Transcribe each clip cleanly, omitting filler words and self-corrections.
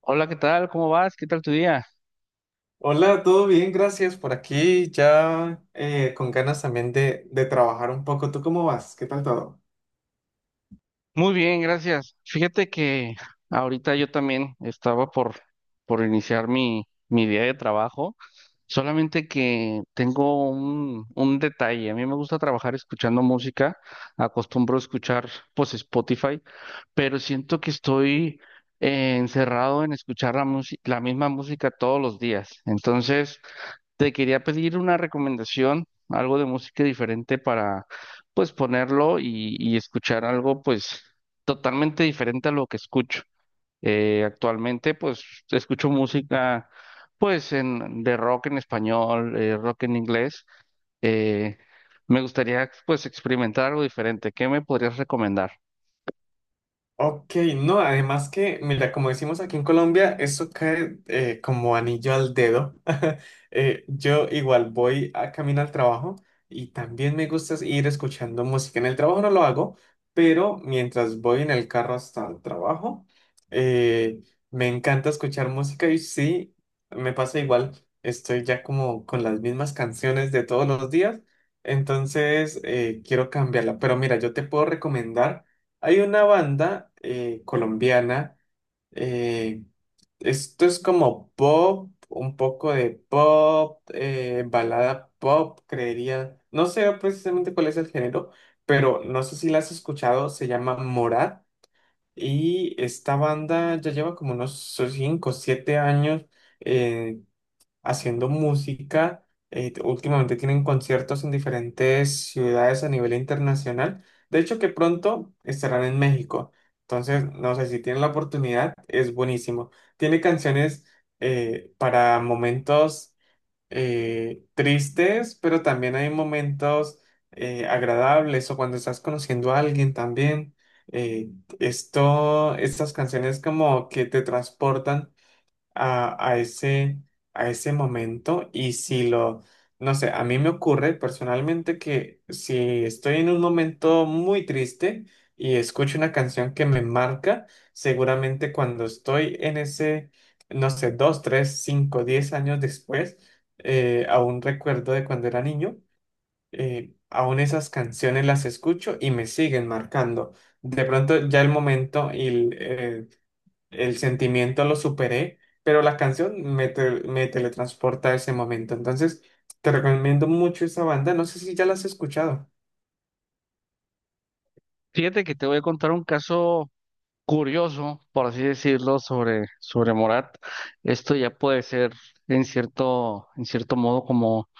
Hola, ¿qué tal? ¿Cómo vas? ¿Qué tal tu día? Hola, todo bien, gracias por aquí. Ya con ganas también de trabajar un poco. ¿Tú cómo vas? ¿Qué tal todo? Muy bien, gracias. Fíjate que ahorita yo también estaba por iniciar mi día de trabajo, solamente que tengo un detalle. A mí me gusta trabajar escuchando música, acostumbro a escuchar pues Spotify, pero siento que estoy encerrado en escuchar la misma música todos los días. Entonces, te quería pedir una recomendación, algo de música diferente para, pues, ponerlo y escuchar algo, pues, totalmente diferente a lo que escucho. Actualmente, pues, escucho música, pues, en, de rock en español, rock en inglés. Eh, Me gustaría, pues, experimentar algo diferente. ¿Qué me podrías recomendar? Ok, no, además que, mira, como decimos aquí en Colombia, eso cae como anillo al dedo. Yo igual voy a camino al trabajo y también me gusta ir escuchando música. En el trabajo no lo hago, pero mientras voy en el carro hasta el trabajo, eh, me encanta escuchar música y sí, me pasa igual, estoy ya como con las mismas canciones de todos los días, entonces quiero cambiarla. Pero mira, yo te puedo recomendar. Hay una banda colombiana, eh, esto es como pop, un poco de pop, balada pop, creería. No sé precisamente cuál es el género, pero no sé si la has escuchado, se llama Morat y esta banda ya lleva como unos 5 o 7 años eh, haciendo música. Últimamente tienen conciertos en diferentes ciudades a nivel internacional. De hecho, que pronto estarán en México. Entonces, no sé si tienen la oportunidad, es buenísimo. Tiene canciones para momentos tristes, pero también hay momentos agradables o cuando estás conociendo a alguien también. eh, estas canciones como que te transportan a, a ese, a ese momento y si lo, no sé, a mí me ocurre personalmente que si estoy en un momento muy triste y escucho una canción que me marca, seguramente cuando estoy en ese, no sé, dos, tres, cinco, diez años después, aún recuerdo de cuando era niño. Aún esas canciones las escucho y me siguen marcando. De pronto ya el momento y el sentimiento lo superé, pero la canción me teletransporta a ese momento. Entonces, te recomiendo mucho esa banda. No sé si ya la has escuchado. Fíjate que te voy a contar un caso curioso, por así decirlo, sobre Morat. Esto ya puede ser en cierto modo como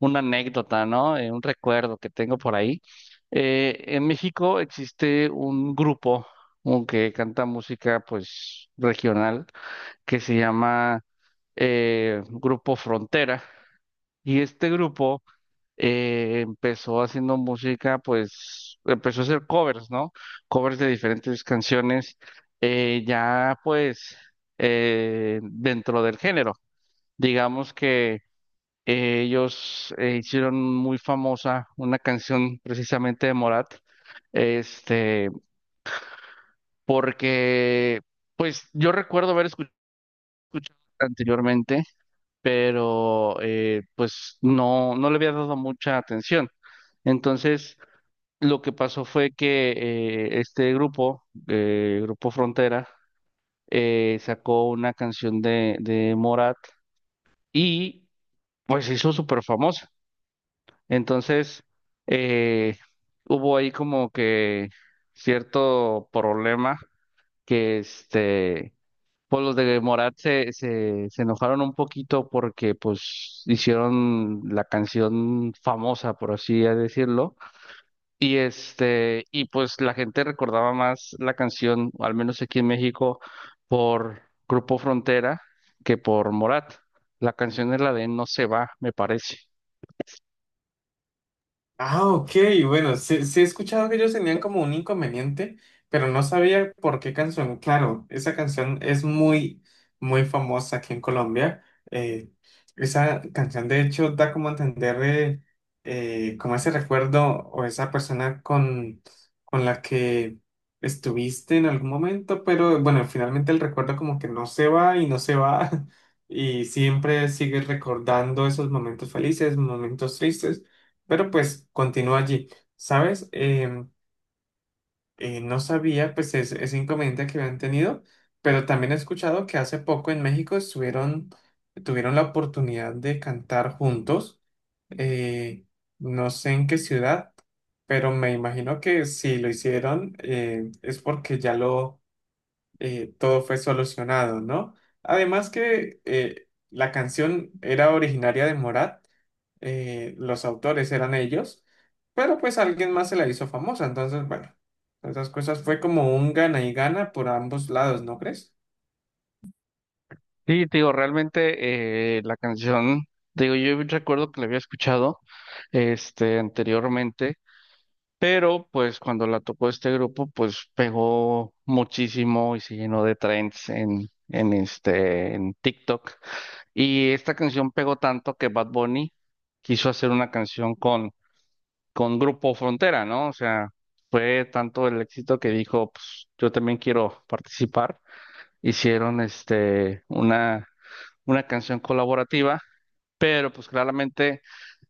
una anécdota, ¿no? Un recuerdo que tengo por ahí. En México existe un grupo un que canta música pues regional que se llama Grupo Frontera. Y este grupo empezó haciendo música, pues empezó a hacer covers, ¿no? Covers de diferentes canciones, ya pues dentro del género. Digamos que ellos hicieron muy famosa una canción precisamente de Morat, este, porque pues yo recuerdo haber escuchado anteriormente, pero pues no, no le había dado mucha atención. Entonces, lo que pasó fue que este grupo, Grupo Frontera, sacó una canción de Morat y pues se hizo súper famosa. Entonces, eh, hubo ahí como que cierto problema que este, pues los de Morat se enojaron un poquito porque pues hicieron la canción famosa, por así decirlo. Y este, y pues la gente recordaba más la canción, al menos aquí en México, por Grupo Frontera que por Morat. La canción es la de No se va, me parece. Ah, ok, bueno, sí, sí he escuchado que ellos tenían como un inconveniente, pero no sabía por qué canción. Claro, esa canción es muy, muy famosa aquí en Colombia. Eh, Esa canción de hecho da como a entender como ese recuerdo o esa persona con la que estuviste en algún momento, pero bueno, finalmente el recuerdo como que no se va y no se va y siempre sigues recordando esos momentos felices, momentos tristes. Pero pues continúa allí. ¿Sabes? No sabía pues ese inconveniente que habían tenido, pero también he escuchado que hace poco en México tuvieron la oportunidad de cantar juntos. eh, no sé en qué ciudad, pero me imagino que si lo hicieron es porque ya lo todo fue solucionado, ¿no? Además que la canción era originaria de Morat, los autores eran ellos, pero pues alguien más se la hizo famosa, entonces, bueno, esas cosas fue como un gana y gana por ambos lados, ¿no crees? Sí, te digo, realmente la canción, te digo, yo recuerdo que la había escuchado este anteriormente, pero pues cuando la tocó este grupo, pues pegó muchísimo y se llenó de trends en TikTok. Y esta canción pegó tanto que Bad Bunny quiso hacer una canción con Grupo Frontera, ¿no? O sea, fue tanto el éxito que dijo, pues yo también quiero participar. Hicieron este una canción colaborativa, pero pues claramente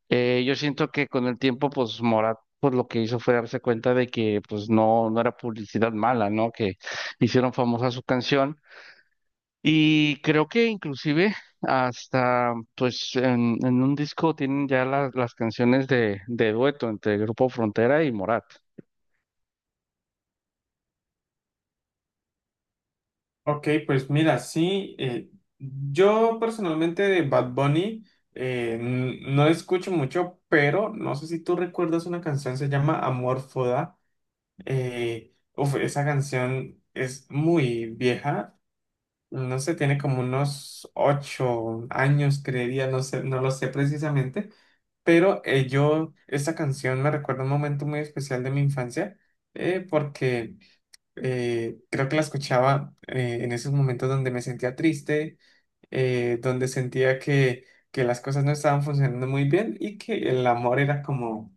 yo siento que con el tiempo, pues Morat, pues lo que hizo fue darse cuenta de que pues no, no era publicidad mala, ¿no? Que hicieron famosa su canción y creo que inclusive hasta pues en un disco tienen ya las canciones de dueto entre Grupo Frontera y Morat. Ok, pues mira, sí, yo personalmente de Bad Bunny no escucho mucho, pero no sé si tú recuerdas una canción, se llama Amor Foda. Uf, esa canción es muy vieja, no sé, tiene como unos ocho años, creería, no sé, no lo sé precisamente, pero yo, esta canción me recuerda un momento muy especial de mi infancia, porque creo que la escuchaba en esos momentos donde me sentía triste, donde sentía que las cosas no estaban funcionando muy bien y que el amor era como,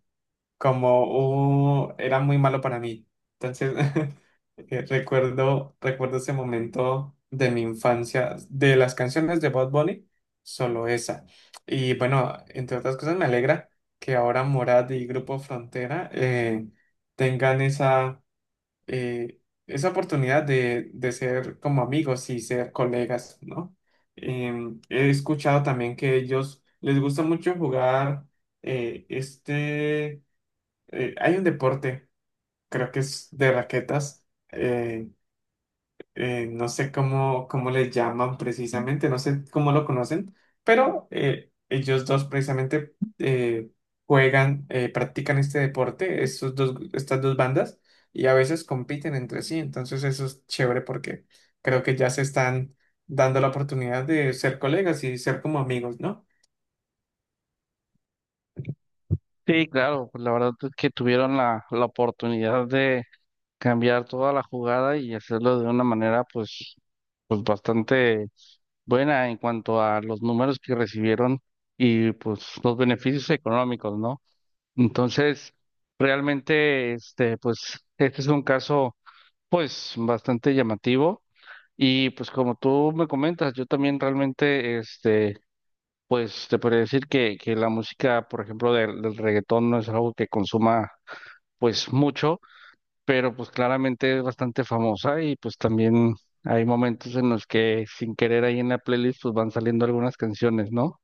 como, era muy malo para mí. Entonces, recuerdo ese momento de mi infancia, de las canciones de Bad Bunny, solo esa. Y bueno, entre otras cosas me alegra que ahora Morad y Grupo Frontera tengan esa, eh, esa oportunidad de ser como amigos y ser colegas, ¿no? He escuchado también que ellos les gusta mucho jugar eh, este, hay un deporte, creo que es de raquetas no sé cómo, cómo le llaman precisamente, no sé cómo lo conocen, pero ellos dos precisamente juegan, practican este deporte, estas dos bandas, y a veces compiten entre sí, entonces eso es chévere porque creo que ya se están dando la oportunidad de ser colegas y ser como amigos, ¿no? Sí, claro, pues la verdad es que tuvieron la oportunidad de cambiar toda la jugada y hacerlo de una manera pues, pues bastante buena en cuanto a los números que recibieron y pues los beneficios económicos, ¿no? Entonces, realmente, este, pues, este es un caso pues bastante llamativo. Y pues como tú me comentas, yo también realmente, este, pues te podría decir que la música, por ejemplo, del reggaetón no es algo que consuma pues mucho, pero pues claramente es bastante famosa y pues también hay momentos en los que sin querer ahí en la playlist pues van saliendo algunas canciones, ¿no?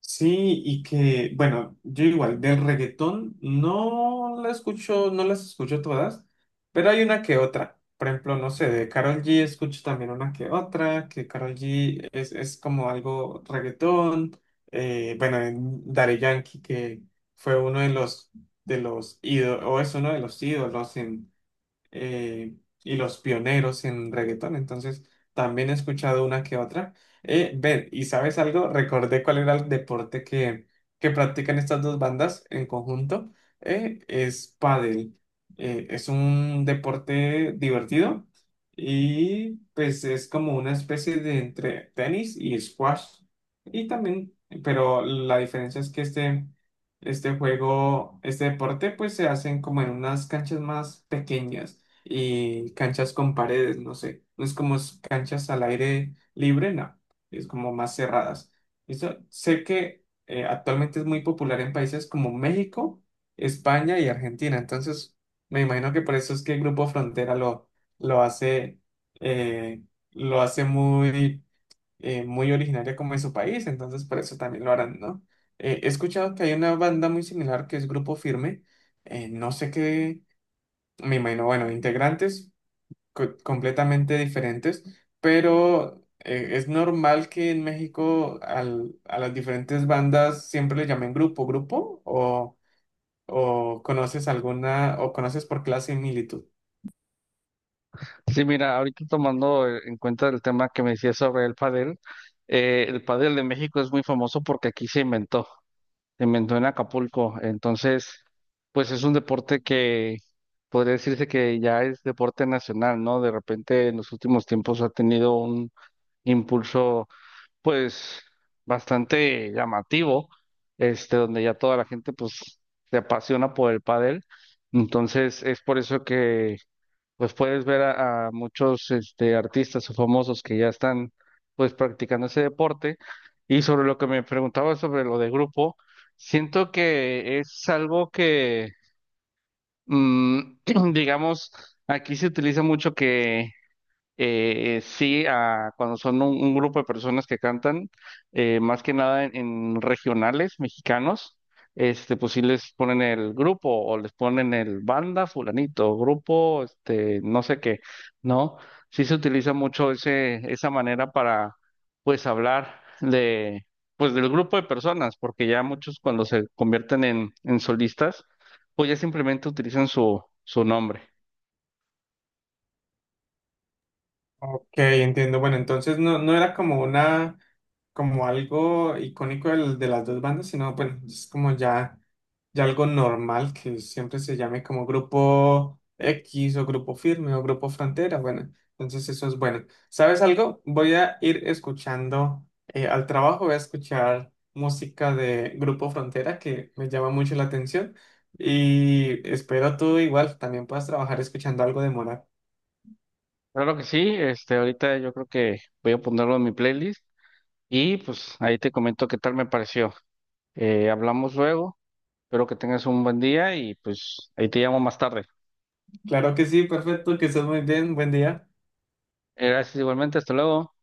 Sí, y que, bueno, yo igual, del reggaetón no la escucho, no las escucho todas, pero hay una que otra. Por ejemplo, no sé, de Karol G escucho también una que otra, que Karol G es como algo reggaetón. Bueno, en Daddy Yankee, que fue uno de los ídolos, o es uno de los ídolos eh, y los pioneros en reggaetón, entonces también he escuchado una que otra. Ver ¿Y sabes algo? Recordé cuál era el deporte que practican estas dos bandas en conjunto. Es pádel. Es un deporte divertido y pues es como una especie de entre tenis y squash. Y también, pero la diferencia es que este juego, este deporte, pues se hacen como en unas canchas más pequeñas y canchas con paredes, no sé. No es como canchas al aire libre, no. Es como más cerradas. Eso, sé que actualmente es muy popular en países como México, España y Argentina. Entonces, me imagino que por eso es que el Grupo Frontera lo hace, eh, lo hace muy, muy originaria como en su país. Entonces, por eso también lo harán, ¿no? He escuchado que hay una banda muy similar que es Grupo Firme. No sé qué, me imagino, bueno, integrantes completamente diferentes, pero es normal que en México a las diferentes bandas siempre le llamen grupo, grupo, o conoces alguna, o conoces por qué la similitud. Sí, mira, ahorita tomando en cuenta el tema que me decías sobre el padel de México es muy famoso porque aquí se inventó. Se inventó en Acapulco. Entonces, pues es un deporte que podría decirse que ya es deporte nacional, ¿no? De repente en los últimos tiempos ha tenido un impulso, pues, bastante llamativo, este, donde ya toda la gente, pues, se apasiona por el pádel. Entonces, es por eso que pues puedes ver a muchos este, artistas o famosos que ya están pues practicando ese deporte. Y sobre lo que me preguntaba sobre lo de grupo, siento que es algo que, mm, digamos, aquí se utiliza mucho que sí a cuando son un grupo de personas que cantan, más que nada en regionales mexicanos, este, pues sí les ponen el grupo o les ponen el banda fulanito, grupo, este, no sé qué, ¿no? Sí se utiliza mucho ese, esa manera para, pues, hablar de, pues, del grupo de personas, porque ya muchos cuando se convierten en solistas, pues ya simplemente utilizan su nombre. Ok, entiendo. Bueno, entonces no, no era como una como algo icónico de las dos bandas, sino bueno, es como ya, ya algo normal que siempre se llame como grupo X o grupo firme o grupo frontera. Bueno, entonces eso es bueno. ¿Sabes algo? Voy a ir escuchando al trabajo, voy a escuchar música de grupo frontera que me llama mucho la atención. Y espero tú igual también puedas trabajar escuchando algo de Morat. Claro que sí, este, ahorita yo creo que voy a ponerlo en mi playlist y pues ahí te comento qué tal me pareció. Hablamos luego, espero que tengas un buen día y pues ahí te llamo más tarde. Claro que sí, perfecto, que estés muy bien, buen día. Gracias igualmente, hasta luego.